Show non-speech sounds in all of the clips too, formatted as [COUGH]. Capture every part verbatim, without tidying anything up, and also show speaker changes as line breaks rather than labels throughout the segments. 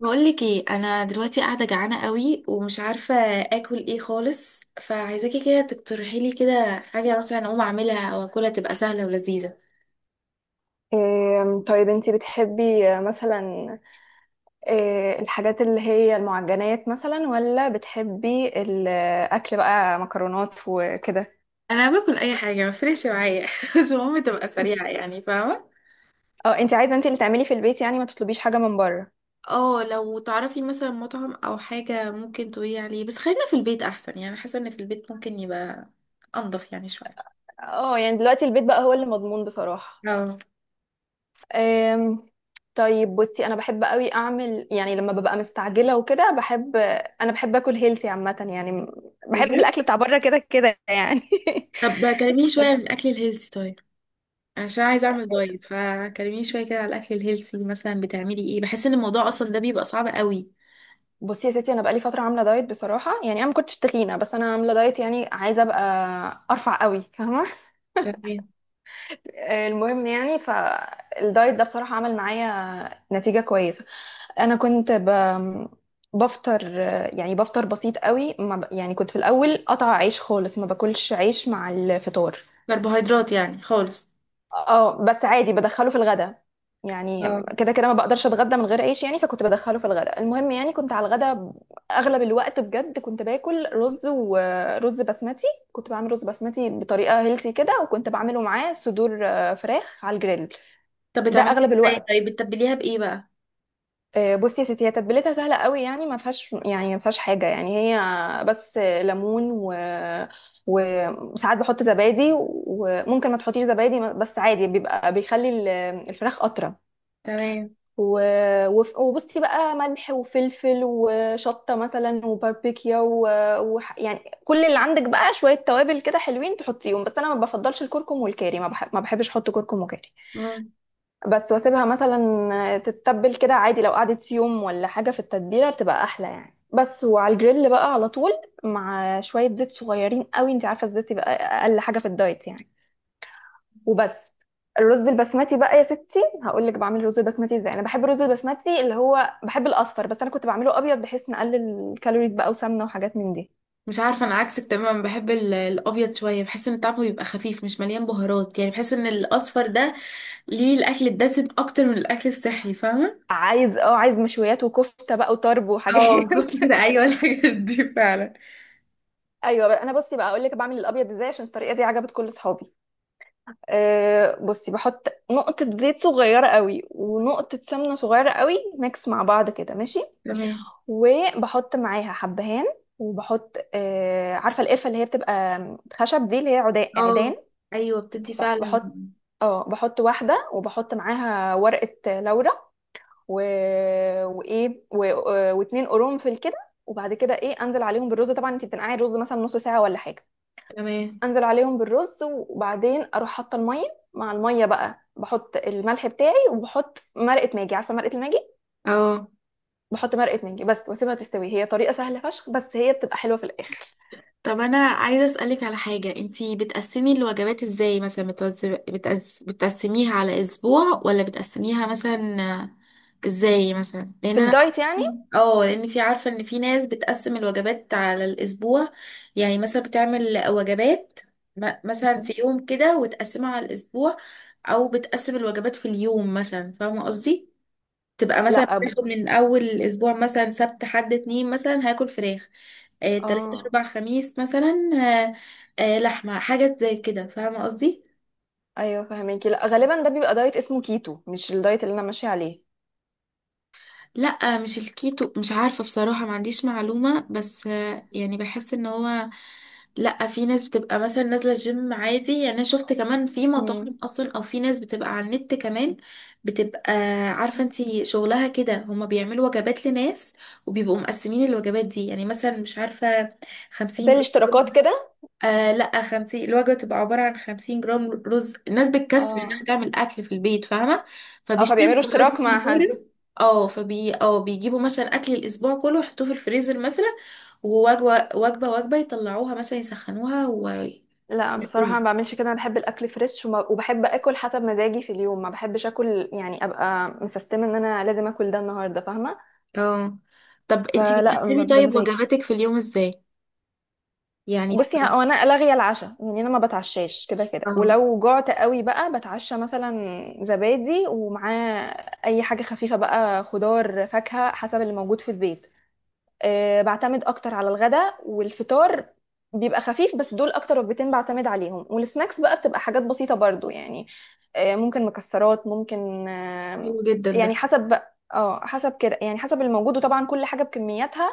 بقولك ايه، انا دلوقتي قاعده جعانه قوي ومش عارفه اكل ايه خالص، فعايزاكي كده تقترحي لي كده حاجه مثلا اقوم اعملها او اكلها تبقى سهله ولذيذه.
إيه، طيب انتي بتحبي آه، مثلا. إيه، الحاجات اللي هي المعجنات مثلا، ولا بتحبي الاكل بقى مكرونات وكده؟
انا باكل اي حاجه، ما فرقش معايا [LAUGHS] بس المهم تبقى سريعه، يعني فاهمه.
اه، انتي عايزه انتي اللي تعملي في البيت، يعني ما تطلبيش حاجه من بره؟
اه لو تعرفي مثلا مطعم او حاجه ممكن تقولي عليه، بس خلينا في البيت احسن، يعني حاسه ان في البيت ممكن يبقى انضف يعني شويه.
اه، يعني دلوقتي البيت بقى هو اللي مضمون بصراحه.
اه.
أم، طيب بصي، انا بحب قوي اعمل، يعني لما ببقى مستعجله وكده بحب. انا بحب اكل هيلثي عامه يعني. بحب الاكل
بجد؟
بتاع بره كده كده يعني.
طب كلميني شويه
[LAUGHS]
عن الاكل الهيلثي طيب، عشان عايزه اعمل دايت، فكلميني شويه كده على الاكل الهيلثي. مثلا بتعملي ايه؟ بحس ان الموضوع اصلا ده بيبقى صعب قوي.
بصي يا ستي، انا بقالي فتره عامله دايت بصراحه، يعني انا ما كنتش تخينه، بس انا عامله دايت يعني عايزه ابقى ارفع قوي، فاهمه؟ [LAUGHS]
تمام.
آه، المهم يعني فالدايت ده بصراحه عمل معايا نتيجه كويسه. انا كنت ب... بفطر، آه، يعني بفطر بسيط قوي، ما ب... يعني كنت في الاول قطع عيش خالص، ما باكلش عيش مع الفطار.
كربوهيدرات يعني خالص.
اه بس عادي بدخله في الغدا يعني.
اه.
كده كده ما بقدرش اتغدى من غير عيش يعني، فكنت بدخله في الغدا. المهم يعني كنت على الغدا اغلب الوقت بجد، كنت باكل رز ورز بسمتي. كنت بعمل رز بسمتي بطريقه هيلثي كده، وكنت بعمله معاه صدور، آه، فراخ على الجريل.
طب
ده
بتعمليها
اغلب
ازاي؟
الوقت.
طيب بتتبليها بايه بقى؟
آه، بصي يا ستي، هي تتبيلتها سهله قوي يعني، ما فيهاش يعني، ما فيهاش حاجه يعني، هي بس ليمون، و وساعات بحط زبادي، وممكن ما تحطيش زبادي بس عادي، بيبقى بيخلي ال- الفراخ اطرى.
تمام.
و... وف- وبصي بقى، ملح وفلفل وشطة مثلا وباربيكيا، و... وح... يعني كل اللي عندك بقى شوية توابل كده حلوين تحطيهم، بس أنا ما بفضلش الكركم والكاري. ما, بح... ما بحبش أحط كركم وكاري.
مم.
بس واسيبها مثلا تتبل كده عادي، لو قعدت يوم ولا حاجة في التتبيلة بتبقى أحلى يعني. بس وعلى الجريل بقى على طول، مع شوية زيت صغيرين قوي، انت عارفة الزيت يبقى أقل حاجة في الدايت يعني. وبس. الرز البسمتي بقى يا ستي، هقول لك بعمل الرز البسمتي ازاي. انا بحب الرز البسمتي، اللي هو بحب الاصفر، بس انا كنت بعمله ابيض بحيث نقلل الكالوريز بقى وسمنه وحاجات من دي.
مش عارفه، انا عكسك تماما، بحب ال- الابيض شويه، بحس ان طعمه بيبقى خفيف مش مليان بهارات، يعني بحس ان الاصفر ده ليه الاكل الدسم اكتر من الاكل الصحي، فاهمه؟
عايز اه عايز مشويات وكفته بقى وطرب
اه
وحاجات.
بالظبط كده،
[LAUGHS]
ايوه الحاجات دي فعلا.
ايوه بقى، انا بصي بقى اقول لك بعمل الابيض ازاي، عشان الطريقه دي عجبت كل اصحابي. أه بصي، بحط نقطه زيت صغيره قوي ونقطه سمنه صغيره قوي، ميكس مع بعض كده ماشي.
تمام.
وبحط معاها حبهان. وبحط آه عارفه القرفه اللي هي بتبقى خشب دي، اللي هي عدا-
اه
عيدان.
ايوه بتدي
ب-
فعلا.
بحط اه بحط واحده، وبحط معاها ورقه لورا. و... وايه و... آه، واتنين قرنفل كده. وبعد كده ايه، انزل عليهم بالرز، طبعا انت بتنقعي الرز مثلا نص ساعه ولا حاجه.
تمام.
انزل عليهم بالرز، وبعدين اروح حاطه الميه، مع الميه بقى بحط الملح بتاعي، وبحط مرقه ماجي، عارفه مرقه الماجي؟
اه.
بحط مرقه ماجي بس، واسيبها تستوي، هي طريقه سهله فشخ، بس هي بتبقى حلوه في الاخر.
طب انا عايزه اسالك على حاجه، انتي بتقسمي الوجبات ازاي؟ مثلا بتوز... بتقز... بتقسميها على اسبوع ولا بتقسميها مثلا آه، ازاي مثلا؟ لان
في
انا
الدايت يعني.
اه، لان في، عارفه ان في ناس بتقسم الوجبات على الاسبوع، يعني مثلا بتعمل وجبات م- مثلا
مم.
في يوم كده وتقسمها على الاسبوع، او بتقسم الوجبات في اليوم مثلا، فاهمه قصدي؟ تبقى مثلا
لا، أب...
بتاخد من اول اسبوع مثلا سبت حد اتنين مثلا هاكل فراخ، آه، تلاتة
اه
اربع خميس مثلا آه، آه، لحمة حاجة زي كده، فاهمة قصدي؟
ايوه فهميكي، لا غالبا ده بيبقى دايت اسمه كيتو، مش الدايت اللي انا ماشيه عليه.
لا مش الكيتو، مش عارفة بصراحة، ما عنديش معلومة، بس آه، يعني بحس ان هو، لا في ناس بتبقى مثلا نازله جيم عادي، يعني انا شفت كمان في
امم
مطاعم اصلا، او في ناس بتبقى على النت كمان بتبقى عارفه انتي شغلها كده، هما بيعملوا وجبات لناس وبيبقوا مقسمين الوجبات دي، يعني مثلا مش عارفه
ده
خمسين جرام.
الاشتراكات كده.
آه لا، خمسين، الوجبة بتبقى عبارة عن خمسين جرام رز، الناس بتكسل انها
اه،
تعمل أكل في البيت، فاهمة؟
اه،
فبيشتروا
فبيعملوا
الوجبات
اشتراك
دي من
مع حد.
بره. اه فبي اه بيجيبوا مثلا أكل الأسبوع كله يحطوه في الفريزر مثلا، ووجبة وجبة وجبة يطلعوها مثلا يسخنوها و...
لا بصراحه ما بعملش كده، انا بحب الاكل فريش، وما... وبحب اكل حسب مزاجي في اليوم، ما بحبش اكل يعني ابقى مسستمه ان انا لازم اكل ده النهارده، فاهمه؟
اه. طب انتي
فلا، ب-
بتقسمي طيب
بمزاجي.
وجباتك في اليوم ازاي؟ يعني
بصي، ه-
بت-
هو انا لاغيه العشاء يعني، انا ما بتعشاش كده كده،
اه.
ولو جعت قوي بقى بتعشى مثلا زبادي، ومعاه اي حاجه خفيفه بقى، خضار فاكهه حسب اللي موجود في البيت. أه بعتمد اكتر على الغداء والفطار، بيبقى خفيف، بس دول اكتر وجبتين بعتمد عليهم، والسناكس بقى بتبقى حاجات بسيطه برضو يعني. أه ممكن مكسرات، ممكن
حلو
أه
جدا ده.
يعني حسب بقى، اه حسب كده يعني، حسب الموجود، وطبعا كل حاجه بكمياتها.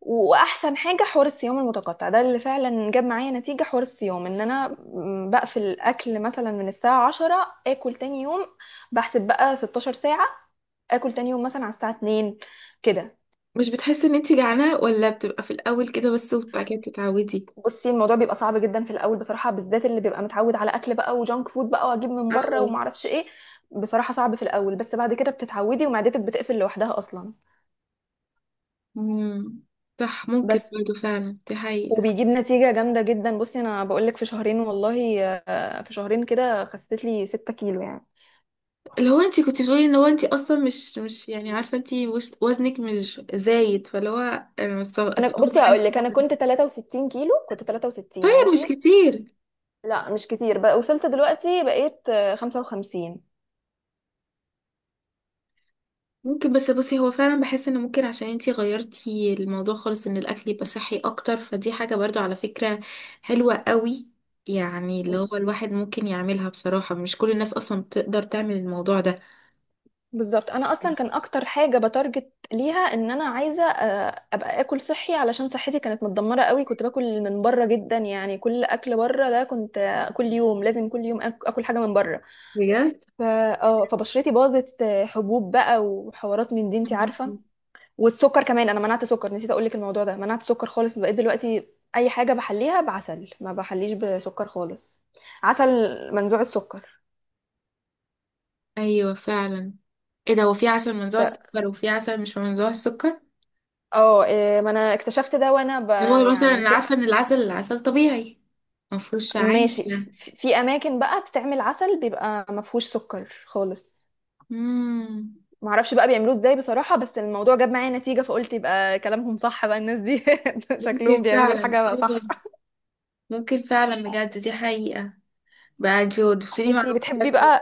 واحسن حاجه حوار الصيام المتقطع ده، اللي فعلا جاب معايا نتيجه. حوار الصيام ان انا م- بقفل اكل مثلا من الساعه عشرة، اكل تاني يوم. بحسب بقى ستاشر ساعه، اكل تاني يوم مثلا على الساعه اتنين كده.
مش بتحسي ان انتي جعانة، ولا بتبقى في الأول كده بس وبعد كده بتتعودي؟
بصي، الموضوع بيبقى صعب جدا في الاول بصراحه، بالذات اللي بيبقى متعود على اكل بقى وجانك فود بقى، واجيب من بره وما
اه.
اعرفش ايه. بصراحه صعب في الاول، بس بعد كده بتتعودي ومعدتك بتقفل لوحدها اصلا.
مم. صح، ممكن
بس.
برضه، فعلا دي حقيقة.
وبيجيب نتيجه جامده جدا، بصي انا بقول لك، في شهرين والله، آه، في شهرين كده خسيت لي ستة كيلو يعني.
اللي هو انتي كنتي بتقولي ان هو انتي اصلا مش مش يعني عارفة، انتي وش- وزنك مش زايد، فاللي هو انا مش سو-
انا بصي
سقطت حاجة.
هقول لك، انا كنت تلاتة وستين كيلو، كنت تلاتة وستين،
طيب مش
ماشي.
كتير.
لا مش كتير بقى، وصلت دلوقتي بقيت آه، خمسة وخمسين.
ممكن، بس بصي، هو فعلا بحس ان ممكن عشان انتي غيرتي الموضوع خالص ان الاكل يبقى صحي اكتر، فدي حاجة برضو على فكرة حلوة قوي. يعني اللي هو الواحد ممكن يعملها، بصراحة مش كل الناس اصلا بتقدر تعمل الموضوع ده.
بالظبط، انا اصلا كان اكتر حاجه بتارجت ليها، ان انا عايزه آه، ابقى اكل صحي علشان صحتي كانت متدمره قوي، كنت باكل من بره جدا يعني، كل اكل بره ده كنت آه، كل يوم، لازم كل يوم آك- اكل حاجه من بره.
بجد؟
فا اه فبشرتي باظت، آه، حبوب بقى وحوارات من دي، انت عارفه. والسكر كمان، انا منعت سكر، نسيت اقول لك الموضوع ده، منعت سكر خالص، بقيت دلوقتي اي حاجه بحليها بعسل، ما بحليش بسكر خالص. عسل منزوع السكر.
ايوه فعلا. ايه ده، وفي عسل منزوع
ف...
السكر وفي عسل مش منزوع السكر؟
اه إيه، ما انا اكتشفت ده، وانا ب...
اللي هو مثلا
يعني
أنا عارفه
ك...
ان العسل، العسل طبيعي مفهوش عادي
ماشي ف-
يعني.
في اماكن بقى بتعمل عسل بيبقى ما فيهوش سكر خالص،
امم.
ما اعرفش بقى بيعملوه ازاي بصراحه، بس الموضوع جاب معايا نتيجه، فقلت يبقى كلامهم صح بقى الناس دي. [LAUGHS]
ممكن
شكلهم بيعملوا
فعلا.
الحاجه
اه.
صح.
ممكن فعلا بجد، دي حقيقه. بقى انتي ضفتيلي
انتي
معلومه
بتحبي
بجد.
بقى؟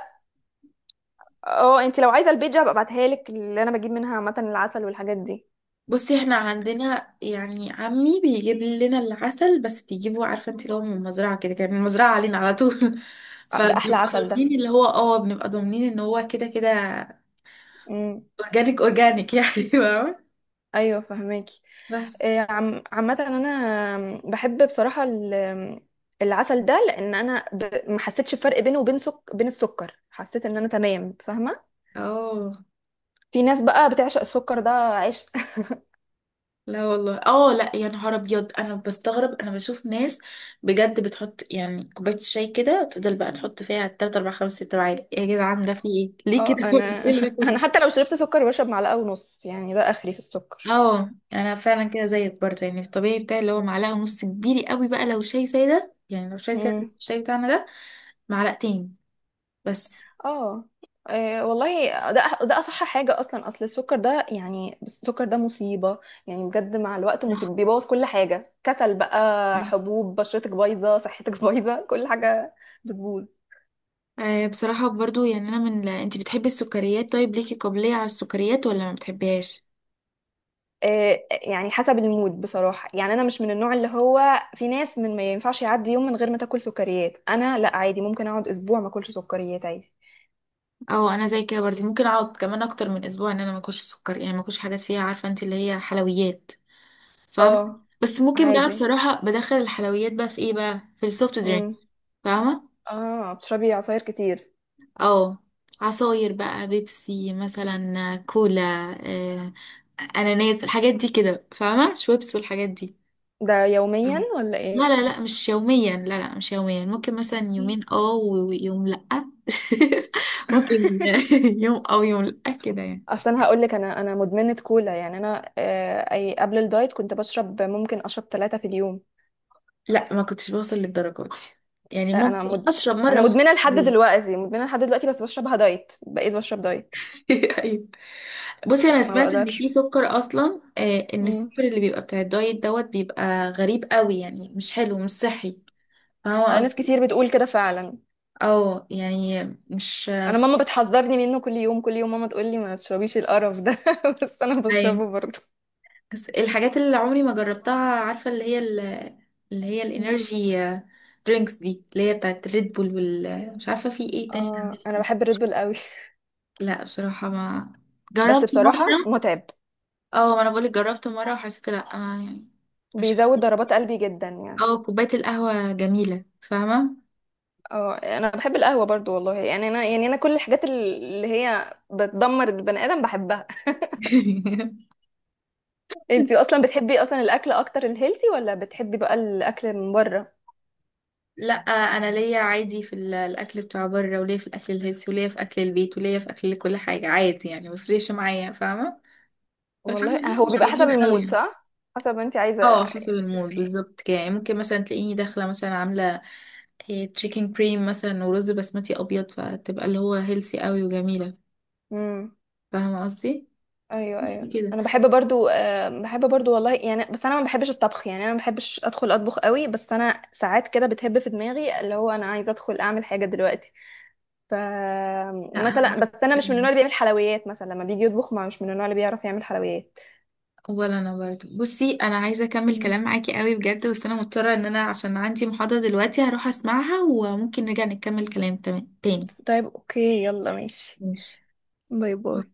اه، انتي لو عايزه البيج هبقى ابعتها لك، اللي انا بجيب منها عامه العسل والحاجات دي.
بصي احنا عندنا يعني عمي بيجيب لنا العسل، بس بيجيبه عارفه انت اللي هو من المزرعه كده، كان من المزرعه علينا على طول [LAUGHS]
آه، ده احلى
فبنبقى
عسل ده.
ضامنين، اللي هو اه بنبقى ضامنين ان هو كده كده
امم
اورجانيك، اورجانيك يعني [LAUGHS] فاهمة؟
ايوه فهماكي.
بس.
آه، عم عامه انا بحب بصراحه ال- العسل ده، لان انا ب- ما حسيتش بفرق بينه وبين سك... بين السكر، حسيت ان انا تمام، فاهمه؟
اه.
في ناس بقى بتعشق السكر ده عيش. [LAUGHS]
لا والله. اه لا يا نهار ابيض، انا بستغرب، انا بشوف ناس بجد بتحط يعني كوبايه الشاي كده تفضل بقى تحط فيها تلاته اربعه خمسه سته معالق، يا جدعان ده في ايه، ليه كده؟
اه
[LAUGHS]
انا.
ايه اللي ده
[LAUGHS]
كله؟
انا حتى لو شربت سكر بشرب معلقه ونص، يعني ده اخري في السكر.
اه انا فعلا كده زيك برضه، يعني في الطبيعي بتاعي اللي هو معلقه ونص، كبير قوي بقى لو شاي ساده، يعني لو شاي ساده
امم
الشاي بتاعنا ده معلقتين بس.
اه إيه والله ده ده اصح حاجه اصلا، اصل السكر ده يعني، بس السكر ده مصيبه. يعني بجد مع الوقت
نعم.
مصيبه، بيبوظ كل حاجه، كسل بقى، حبوب، بشرتك بايظه، صحتك [LAUGHS] بايظه، كل حاجه بتبوظ.
آه، بصراحه برضه، يعني انا من لا. انت بتحبي السكريات؟ طيب ليكي قابليه على السكريات ولا ما بتحبيهاش؟
إيه يعني حسب المود بصراحه، يعني انا مش من النوع اللي هو، في ناس من ما ينفعش يعدي يوم من غير ما تاكل سكريات، انا لا عادي، ممكن اقعد اسبوع ما اكلش سكريات عادي.
اه انا زي كده برضه، ممكن اقعد كمان اكتر من اسبوع ان انا ما اكلش سكر، يعني ما اكلش حاجات فيها، عارفه انت، اللي هي حلويات، فاهمه؟
اه
بس ممكن بقى
عادي.
بصراحه بدخل الحلويات بقى في ايه؟ بقى في السوفت درينك،
امم.
فاهمه؟
اه بتشربي عصاير كتير؟
اه. عصاير بقى، بيبسي مثلا، كولا، آه اناناس، الحاجات دي كده، فاهمه؟ شويبس والحاجات دي.
ده يوميا
اه.
ولا
لا
ايه؟
لا لا مش يوميا، لا لا مش يوميا، ممكن مثلا
مم.
يومين اه و- ويوم لا [LAUGHS] ممكن
[LAUGHS]
[LAUGHS] يوم او يوم لا كده يعني.
اصل انا هقول لك، انا انا مدمنه كولا، يعني انا، آه، اي قبل الدايت كنت بشرب، ممكن اشرب ثلاثة في اليوم.
لا ما كنتش بوصل للدرجة دي، يعني
آه، انا
ممكن
مد...
اشرب
انا
مرة واحدة
مدمنه لحد
[LAUGHS]
دلوقتي، مدمنه لحد دلوقتي، بس بشربها دايت، بقيت بشرب دايت.
ايوه. بصي انا
ما
سمعت ان
بقدرش.
في سكر اصلا، آه، ان
مم.
السكر اللي بيبقى بتاع الدايت دوت بيبقى غريب قوي، يعني مش حلو مش صحي، فاهمه
آه، ناس
قصدي؟
كتير بتقول كده فعلا.
اه يعني مش،
انا ماما بتحذرني منه، كل يوم كل يوم ماما تقول لي ما تشربيش القرف ده، [LAUGHS] بس انا
أيوة.
بشربه برضه.
بس الحاجات اللي عمري ما جربتها، عارفه اللي هي ال- اللي هي
مم.
الانرجي آه، درينكس دي، اللي هي بتاعت ريد بول وال، مش عارفه في ايه تاني
اه انا
عندنا.
بحب الريد بول قوي.
لا بصراحه ما
[LAUGHS] بس
جربت
بصراحه
مره.
متعب،
اه ما انا بقولك جربت مرة وحسيت لا، ما يعني مش،
بيزود ضربات قلبي جدا يعني.
اه كوباية القهوة جميلة فاهمة؟
اه انا بحب القهوه برضو والله يعني، انا يعني انا كل الحاجات اللي هي بتدمر البني ادم بحبها.
[LAUGHS]
[LAUGHS] انت اصلا بتحبي اصلا الاكل اكتر الهيلثي، ولا بتحبي بقى الاكل من بره؟
لا آه، انا ليا عادي في ال- الاكل بتاع بره، وليا في الاكل الهيلثي، وليا في اكل البيت، وليا في اكل كل حاجة عادي، يعني مفرقش معايا، فاهمة؟ فالحمد
والله
لله
هو
مش
بيبقى حسب
بيمين قوي
المود،
يعني.
صح، حسب انت عايزه
اه حسب
نفسك
المود
في ايه.
بالظبط كده، يعني ممكن مثلا تلاقيني داخلة مثلا عاملة تشيكن كريم مثلا ورز بسمتي ابيض، فتبقى اللي هو هيلثي قوي وجميلة،
امم
فاهمة قصدي؟
ايوه
بس
ايوه،
كده.
انا بحب برضو، أه بحب برضو والله يعني، بس انا ما بحبش الطبخ يعني، انا ما بحبش ادخل اطبخ قوي، بس انا ساعات كده بتهب في دماغي اللي هو انا عايزه ادخل اعمل حاجه دلوقتي. ف
لا انا
مثلا
عكس.
بس، انا مش من النوع اللي بيعمل حلويات، مثلا لما بيجي يطبخ، ما مش من النوع اللي بيعرف يعمل حلويات.
ولا انا برضه. بصي انا عايزه اكمل
مم.
كلام معاكي قوي بجد، بس انا مضطره ان انا عشان عندي محاضره دلوقتي هروح اسمعها، وممكن نرجع نكمل كلام تمام تاني.
طيب اوكي، يلا ماشي.
ماشي.
باي باي.